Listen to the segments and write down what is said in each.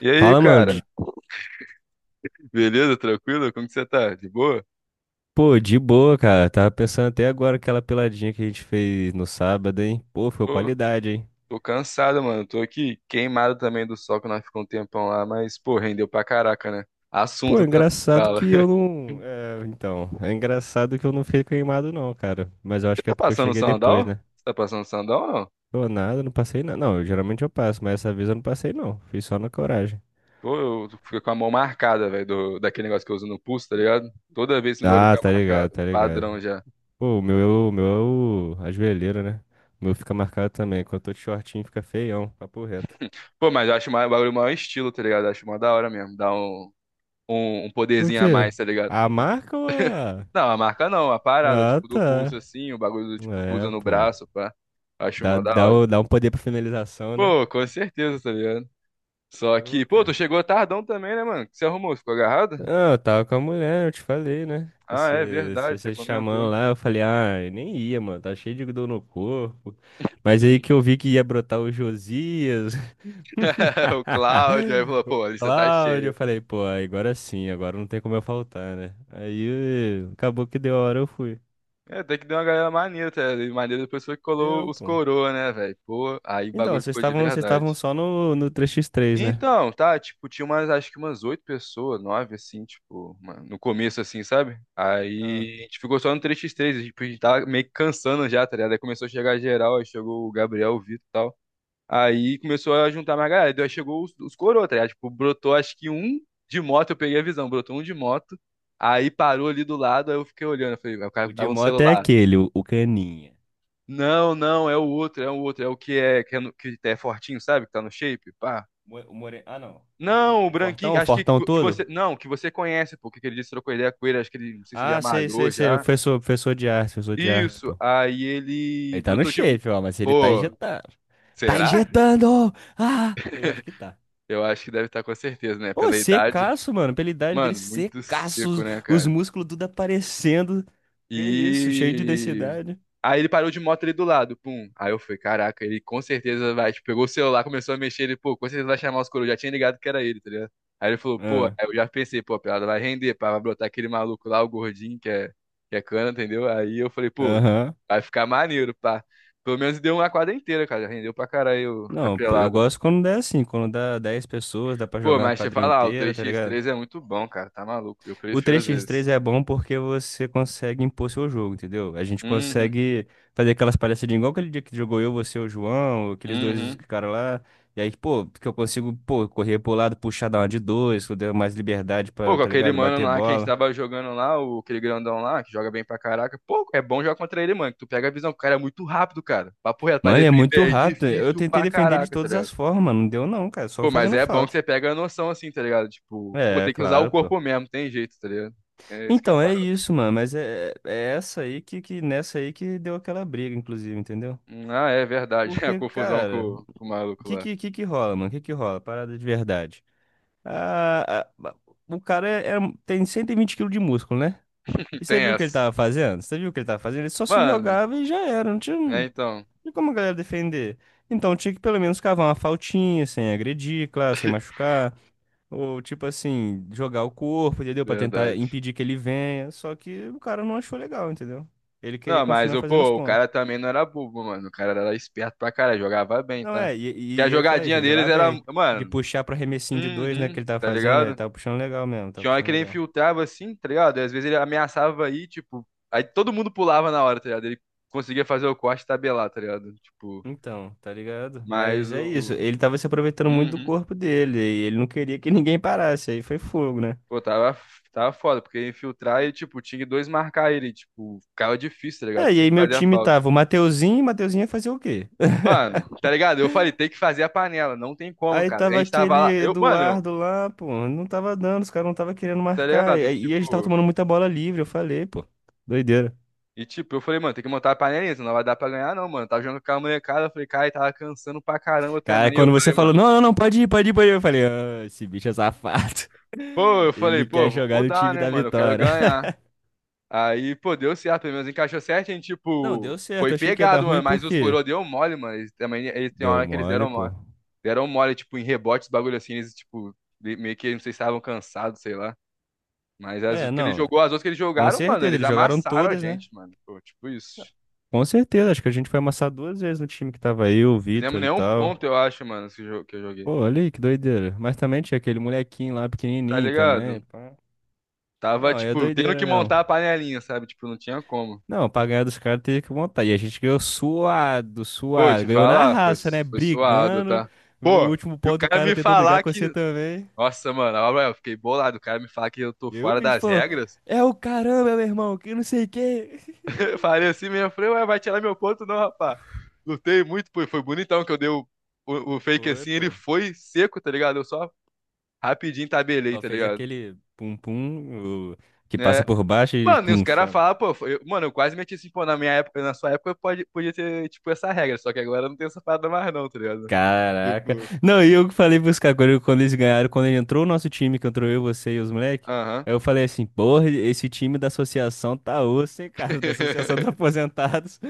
E aí, Fala, mano. cara? De- Beleza? Tranquilo? Como que você tá? De boa? Pô, de boa, cara. Tava pensando até agora aquela peladinha que a gente fez no sábado, hein? Pô, ficou Pô, qualidade, hein? tô cansado, mano. Tô aqui queimado também do sol que nós ficamos um tempão lá, mas, pô, rendeu pra caraca, né? Pô, Assunto é também, engraçado fala. que eu não. É, então, é engraçado que eu não fiquei queimado, não, cara. Mas eu Você acho que tá é porque eu passando cheguei depois, sandal? né? Você tá passando sandal ou não? Pô, nada, não passei nada. Não, eu- geralmente eu passo, mas essa vez eu não passei, não. Fiz só na coragem. Pô, eu fico com a mão marcada, velho, daquele negócio que eu uso no pulso, tá ligado? Toda vez esse bagulho Ah, fica tá ligado, marcado. tá ligado. Padrão já. Pô, o meu, é o meu é o. A joelheira, né? O meu fica marcado também. Quando eu tô de shortinho, fica feião, papo reto. Pô, mas eu acho o bagulho o maior estilo, tá ligado? Eu acho mó da hora mesmo. Dá um, um O poderzinho a quê? mais, tá ligado? A marca ou a. Não, a marca não, a parada, Ah, tipo, do tá. pulso assim, o bagulho, tipo, que É, usa no pô. braço, pá. Acho Dá, mó da dá, hora. o- dá um poder pra finalização, né? Pô, com certeza, tá ligado? Só que, Pô, pô, tu cara. chegou tardão também, né, mano? O que você arrumou, ficou agarrado? Ah, eu tava com a mulher, eu te falei, né? Ah, é Você, você verdade, você você chamando comentou. lá, eu falei, ah, eu nem ia, mano, tá cheio de dor no corpo. Mas aí Sim. que eu vi que ia brotar o Josias, O Cláudio aí falou, pô, o a lista tá Cláudio, eu cheia. falei, pô, agora sim, agora não tem como eu faltar, né? Aí acabou que deu a hora, eu fui. É, tem que dar uma galera maneira, tá ligado? E maneira depois foi que colou Deu, os pô. coroa, né, velho? Pô, aí o Então, bagulho vocês ficou de estavam, vocês estavam verdade. só no três x três, né? Então, tá, tipo, tinha umas, acho que umas oito pessoas, nove, assim, tipo, no começo, assim, sabe? Ah. Aí a gente ficou só no 3x3, a gente tipo, a gente tava meio que cansando já, tá ligado? Aí começou a chegar geral, aí chegou o Gabriel, o Vitor e tal. Aí começou a juntar mais galera, daí chegou os coroa, tá ligado? Tipo, brotou acho que um de moto, eu peguei a visão, brotou um de moto, aí parou ali do lado, aí eu fiquei olhando, eu falei, "Vai, o cara O que de tava no moto é celular." aquele, o caninha. Não, não, é o outro, é o outro, é o que é, que é, que é fortinho, sabe? Que tá no shape, pá. Mo- O more... Ah, não. O, Não, o o fortão, branquinho, o acho fortão que todo? você. Não, que você conhece, pô, que ele disse, trocou ideia com ele, acho que ele, não sei se já Ah, malhou sei. O já. É. professor, professor de arte, Isso, pô. aí ele Ele tá no brotou de. shape, ó, mas ele tá Pô, injetando. Tá será? injetando! Ah! Eu acho que tá. Eu acho que deve estar com certeza, né? Pô, Pela idade. secaço, mano. Pela idade dele, Mano, muito secaço. seco, né, Os cara? músculos tudo aparecendo. Que isso, cheio de E. densidade. Aí ele parou de moto ali do lado, pum. Aí eu falei, caraca, ele com certeza vai, tipo, pegou o celular, começou a mexer, ele, pô, com certeza vai chamar os coroas, já tinha ligado que era ele, tá ligado? Aí ele falou, pô, aí Ah, eu já pensei, pô, a piada vai render, pá, vai brotar aquele maluco lá, o gordinho, que é cana, entendeu? Aí eu falei, pô, aham. vai ficar maneiro, pá. Pelo menos deu uma quadra inteira, cara, rendeu pra caralho a Não, pô, eu pelada. gosto quando dá assim. Quando dá 10 pessoas, dá pra Pô, jogar uma mas deixa eu quadrinha falar, o inteira, três tá x ligado? três é muito bom, cara, tá maluco, eu O prefiro três às x três vezes. é bom porque você consegue impor seu jogo, entendeu? A gente Uhum, consegue fazer aquelas palhaçadinhas igual aquele dia que jogou eu, você, o João, aqueles dois uhum. caras lá. E aí, pô, que eu consigo, pô, correr pro lado, puxar dar uma de dois, que eu dei mais liberdade Pô, pra, com tá aquele ligado? mano Bater lá que a gente bola. tava jogando lá, o, aquele grandão lá, que joga bem pra caraca. Pô, é bom jogar contra ele, mano. Que Tu pega a visão, o cara é muito rápido, cara. Papo reto, pra Mano, ele é muito defender é rápido. Eu difícil tentei pra defender ele de caraca, tá todas ligado? as formas, mano. Não deu não, cara. Só Pô, mas fazendo é bom que falta. você pega a noção assim, tá ligado? Tipo, pô, É, tem que usar o claro, pô. corpo mesmo, tem jeito, tá ligado? É isso que é a Então, é parada. isso, mano. Mas essa aí que nessa aí que deu aquela briga, inclusive, entendeu? Ah, é verdade. A Porque, confusão com, cara. Com o maluco que lá. que, que que rola, mano? Que rola? Parada de verdade. Ah, ah, o cara é, é- um, tem 120 quilos de músculo, né? E você Tem viu o que ele essa. tava fazendo? Você viu o que ele tava fazendo? Ele só se Mano, jogava e já era. Não tinha, é não então. tinha como a galera defender. Então tinha que pelo menos cavar uma faltinha, sem agredir, claro, sem machucar. Ou tipo assim, jogar o corpo, entendeu? Pra tentar Verdade. impedir que ele venha. Só que o cara não achou legal, entendeu? Ele queria Não, mas continuar o fazendo os pô, o pontos. cara também não era bobo, mano. O cara era esperto pra caralho, jogava bem, Não, tá? é, e, Porque e, a e eu falei isso, jogadinha ele deles jogava era, bem. De mano, puxar pro arremessinho de dois, né, que uhum, ele tava tá fazendo, ele ligado? tava puxando legal mesmo, tava Tinha hora que puxando ele legal. infiltrava assim, tá ligado? E às vezes ele ameaçava aí, tipo, aí todo mundo pulava na hora, tá ligado? Ele conseguia fazer o corte e tabelar, tá ligado? Tipo, Então, tá ligado? mas Mas é isso, o ele tava se aproveitando muito do uhum. corpo dele, e ele não queria que ninguém parasse, aí foi fogo, né? Pô, tava foda, porque infiltrar e, tipo, tinha que dois marcar ele, tipo, ficava difícil, tá ligado? É, e aí Sempre meu fazia time falta. tava o Mateuzinho, e Mateuzinho ia fazer o quê? Mano, tá ligado? Eu falei, tem que fazer a panela, não tem como, Aí cara. A tava gente tava aquele lá, eu, mano, Eduardo lá, pô, não tava dando, os caras não tava querendo tá marcar, ligado? e a gente tava Tipo, tomando muita bola livre, eu falei, pô, doideira. e tipo, eu falei, mano, tem que montar a panelinha, senão não vai dar pra ganhar, não, mano. Tava jogando com a molecada, eu falei, cara, e tava cansando pra caramba Cara, também. E eu quando você falei, falou, mano, não, pode ir, pode ir, eu falei, "Ah, esse bicho é safado. pô, eu falei, Ele pô, quer vou jogar no mudar, time né, da mano? Eu quero vitória." ganhar. Aí, pô, deu certo, pelo menos encaixou certo, a gente, Não, deu tipo, certo, foi eu achei que ia dar pegado, ruim, mano, por mas os quê? coroa deu mole, mano. Eles também, eles tem uma Deu hora que eles mole, deram pô. mole. Deram mole, tipo, em rebotes, bagulho assim, eles, tipo, meio que, não sei se estavam cansados, sei lá. Mas as É, que ele não, jogou, as outras que eles com jogaram, mano, certeza, eles eles jogaram amassaram a todas, né? gente, mano. Pô, tipo isso. Com certeza, acho que a gente foi amassar duas vezes no time que tava eu, o Fizemos Vitor e nenhum tal. ponto, eu acho, mano, que que eu joguei. Pô, olha aí, que doideira. Mas também tinha aquele molequinho lá, Tá pequenininho também, ligado? pá. Tava, Não, aí é tipo, tendo doideira que mesmo. montar a panelinha, sabe? Tipo, não tinha como. Não, pra ganhar dos caras teve que montar. E a gente ganhou suado, Pô, suado. te Ganhou na falar, raça, né? foi suado, Brigando. tá? O Pô, último e o ponto o cara cara me tentou brigar falar com você que. também. Nossa, mano, olha, eu fiquei bolado. O cara me falar que eu tô E aí o fora vice das falou: regras. é o caramba, meu irmão, que não sei o quê. Eu falei assim mesmo, eu falei, ué, vai tirar meu ponto, não, rapá. Lutei muito, pô, e foi bonitão que eu dei o, o fake Foi, assim, ele pô. foi seco, tá ligado? Eu só rapidinho tabelei, Só tá fez ligado? aquele pum-pum o- que passa Né? por baixo e Mano, e os pum, caras chama. falam, pô, mano, eu quase meti assim, pô, na minha época, na sua época, pode, podia ter, tipo, essa regra, só que agora não tem essa parada mais não, tá ligado? Caraca. Tipo, Não, e eu falei pros caras quando eles ganharam, quando ele entrou o nosso time, que entrou eu, você e os moleques, aham. aí eu falei assim, porra, esse time da associação tá osso, hein, cara, da associação dos aposentados.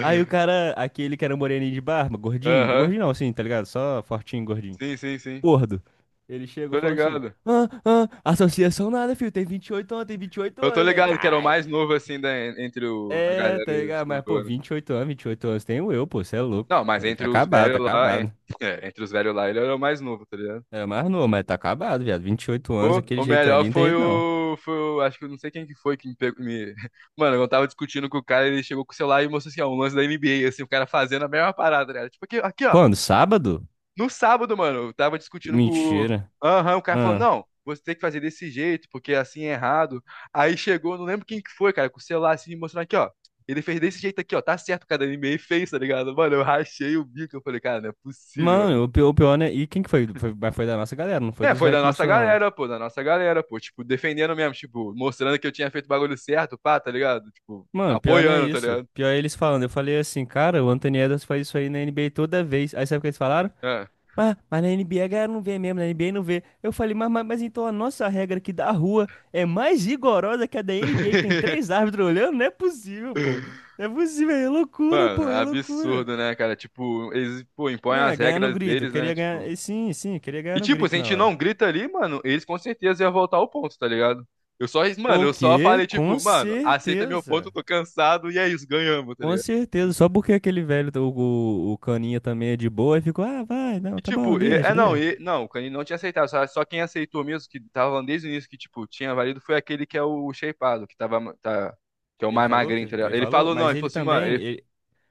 Aí o cara, aquele que era um moreninho de barba, gordinho, Aham. gordinho não, assim, tá ligado? Só fortinho, gordinho, Sim, sim, sim. gordo. Ele chegou Tô e falou assim, ligado. ah, associação nada, filho, tem 28 anos, tem 28 Eu anos. tô Eu falei, ligado que era o caralho. mais novo, assim, da, entre o, a É, galera tá dos ligado? Mas, pô, coroa, né? 28 anos, 28 anos, tem o eu, pô, você é Não, louco. mas Ele tá entre os acabado, velhos tá lá, é, acabado. é, entre os velhos lá, ele era o mais novo, tá ligado? É mais novo, mas tá acabado, viado. 28 anos, aquele O jeito melhor ali, não tem foi jeito não. o, foi o. Acho que eu não sei quem que foi que me pegou. Me... Mano, eu tava discutindo com o cara, ele chegou com o celular e mostrou assim, ó, um lance da NBA, assim, o cara fazendo a mesma parada, né? Tipo, aqui, aqui, ó. Quando? Sábado? No sábado, mano, eu tava discutindo com o. Mentira. Aham, o cara falou, Ah. não, você tem que fazer desse jeito, porque assim é errado. Aí chegou, não lembro quem que foi, cara, com o celular assim, mostrando aqui, ó. Ele fez desse jeito aqui, ó. Tá certo, o cara, da NBA fez, tá ligado? Mano, eu rachei o bico, eu falei, cara, não é possível. Mano, o pior, né? E quem que foi? Foi- Mas foi da nossa galera, não foi É, dos foi velhos da que nossa mostrou, não, né? galera, pô, da nossa galera, pô, tipo, defendendo mesmo, tipo, mostrando que eu tinha feito o bagulho certo, pá, tá ligado? Tipo, Mano, pior não é apoiando, tá isso. ligado? Pior é eles falando. Eu falei assim, cara, o Anthony Edwards faz isso aí na NBA toda vez. Aí sabe o que eles falaram? É. Mas na NBA a galera não vê mesmo, na NBA não vê. Eu falei, mas então a nossa regra aqui da rua é mais rigorosa que a da NBA, que tem três árbitros olhando? Não é possível, pô. Não é possível, é loucura, Mano, pô, é loucura. absurdo, né, cara? Tipo, eles, pô, impõem Não, é as ganhar no regras grito. Eu deles, né? queria ganhar. Tipo. Sim, eu queria E, ganhar no tipo, se grito a na gente hora. não grita ali, mano, eles com certeza iam voltar ao ponto, tá ligado? Eu só, mano, O eu só quê? falei, Com tipo, mano, aceita meu ponto, eu certeza. tô cansado, e é isso, ganhamos, tá Com ligado? certeza. Só porque aquele velho, o caninha também é de boa e ficou, ah, vai, não, E, tá bom, tipo, deixa, deixa. Não, o Canino não tinha aceitado, só, só quem aceitou mesmo, que tava falando desde o início que, tipo, tinha valido, foi aquele que é o shapeado, que tava, tá, que é o Ele mais falou que? magrinho, tá ligado? Ele Ele falou, falou, não, mas ele falou ele assim, mano, também. ele, Ele-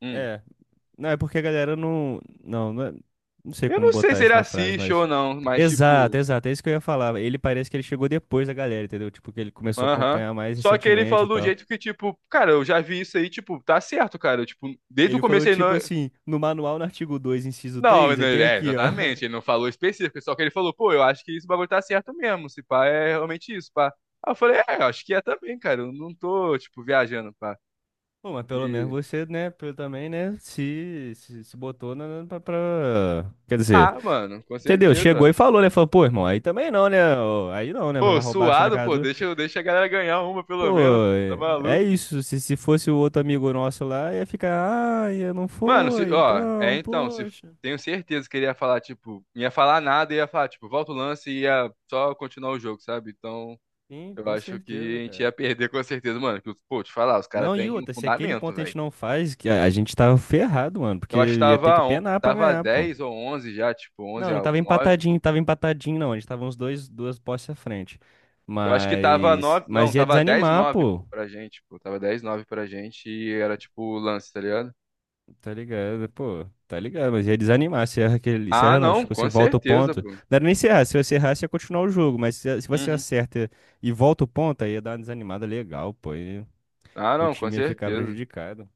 hum, é. Não, é porque a galera não. Não, é- não sei eu como não sei botar se ele isso na frase, assiste ou mas. não, mas, tipo, Exato, exato. É isso que eu ia falar. Ele parece que ele chegou depois da galera, entendeu? Tipo, que ele começou a aham. acompanhar mais Só que ele recentemente falou e do tal. jeito que, tipo, cara, eu já vi isso aí, tipo, tá certo, cara, tipo, desde o Ele começo falou ele não. tipo assim, no manual, no artigo 2 inciso Não, 3 aí tem é, aqui, ó. exatamente. Ele não falou específico, só que ele falou, pô, eu acho que isso bagulho tá certo mesmo. Se pá, é realmente isso, pá. Aí eu falei, é, eu acho que é também, cara. Eu não tô, tipo, viajando, pá. Pô, mas pelo menos E... você, né, pelo- também, né, se botou na, na- pra, pra- Quer dizer, Ah, mano, com entendeu? Chegou e certeza. falou, né? Falou, pô, irmão, aí também não, né? Ô, aí não, né? Vai Pô, vai roubar assim na suado, casa pô, do... deixa, deixa a galera ganhar uma, pelo Pô, menos. Pô, tá é é maluco? isso. Se fosse o outro amigo nosso lá, ia ficar, ah, ia não Mano, se, foi, ó, é então, então, se poxa. tenho certeza que ele ia falar, tipo, não ia falar nada, ia falar, tipo, volta o lance e ia só continuar o jogo, sabe? Então, Sim, eu com acho que certeza, a gente ia cara. perder com certeza, mano. Que, pô, te falar, os caras Não, e têm um outra, se aquele fundamento, ponto a velho. gente não faz, que a gente tava ferrado, mano, Eu porque acho que ia ter que tava, penar pra tava ganhar, pô. 10 ou 11 já, tipo, 11 Não, não a tava 9. empatadinho, tava empatadinho, não. A gente tava uns dois, duas postes à frente. Eu acho que tava Mas, 9, não, mas ia tava 10 desanimar, 9 pô. pô, pra gente, pô, tava 10-9 pra gente e era tipo o lance, tá ligado? Tá ligado, pô. Tá ligado, mas ia desanimar. Se erra aquele, se Ah, erra não, não, tipo, se com volta o certeza, ponto. pô. Não era nem se errar, se você errasse ia continuar o jogo, mas se você Uhum. acerta e volta o ponto, aí ia dar uma desanimada legal, pô. E Ah, o não, com time ia ficar certeza. prejudicado.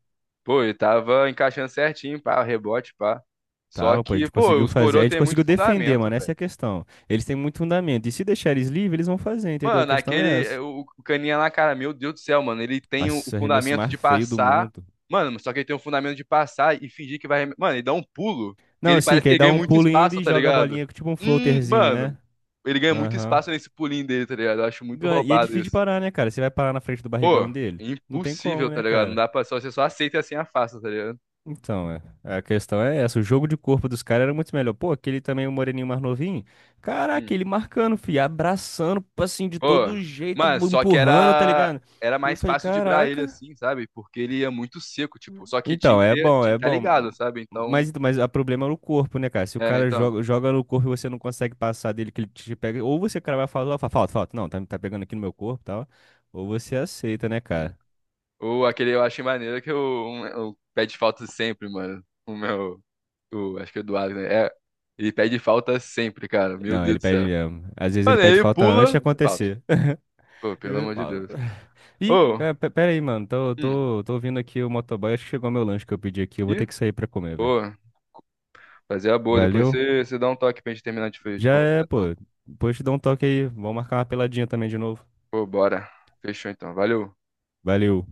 Pô, ele tava encaixando certinho, pá, rebote, pá. Só Tá, pô, a que, gente pô, conseguiu os fazer, a coroas gente têm muito conseguiu defender, fundamento, mano, essa é velho. a questão. Eles têm muito fundamento, e se deixar eles livres, eles vão fazer, entendeu? A Mano, questão aquele. é essa. O caninha lá, cara, meu Deus do céu, mano. Ele tem o Nossa, arremesso fundamento mais de feio do passar. mundo. Mano, só que ele tem o fundamento de passar e fingir que vai. Mano, ele dá um pulo. Que Não, ele assim, parece que que aí ele dá ganha um muito pulo indo espaço, e tá joga a ligado? bolinha com tipo um floaterzinho, Mano. né? Ele ganha muito Aham. espaço nesse pulinho dele, tá ligado? Eu acho muito Ganha- e é roubado difícil de isso. parar, né, cara? Você vai parar na frente do Pô, barrigão dele? Não tem impossível, como, tá né, ligado? Não cara? dá pra. Só, você só aceita e assim afasta, tá ligado? Então, é. A questão é essa. O jogo de corpo dos caras era muito melhor. Pô, aquele também, o moreninho mais novinho. Hum. Caraca, ele marcando, fi, abraçando, assim, de Pô, todo jeito, mano, bu- só que empurrando, tá era. ligado? Era E eu mais falei, fácil driblar ele caraca. assim, sabe? Porque ele ia muito seco, tipo. Só que tinha Então, que é ter, bom, tinha que é estar bom. ligado, sabe? Então. Mas o problema é no corpo, né, cara? Se o É, cara então. joga, joga no corpo e você não consegue passar dele, que ele te pega. Ou você, cara, vai falar, fala, falta, falta. Não, tá, tá pegando aqui no meu corpo e tal. Ou você aceita, né, Hum. cara? O, aquele eu achei maneiro que o, o pede falta sempre, mano. O meu. O, acho que é o Eduardo, né? É, ele pede falta sempre, cara. Meu Não, Deus ele do pede céu. mesmo. Às vezes ele Mano, aí pede ele falta antes de pula. Falta. acontecer. Pô, pelo Eu amor de falo. Deus. Ih, Ô. cara, pe- pera aí, mano. Hum. Tô ouvindo aqui o motoboy. Acho que chegou meu lanche que eu pedi aqui. Eu vou ter Ih, que sair pra comer, velho. boa. Fazer a boa. Depois Valeu. Você dá um toque pra gente terminar de Já é, conversar, então. pô. Depois te dou um toque aí. Vamos marcar uma peladinha também de novo. Pô, bora. Fechou então. Valeu. Valeu.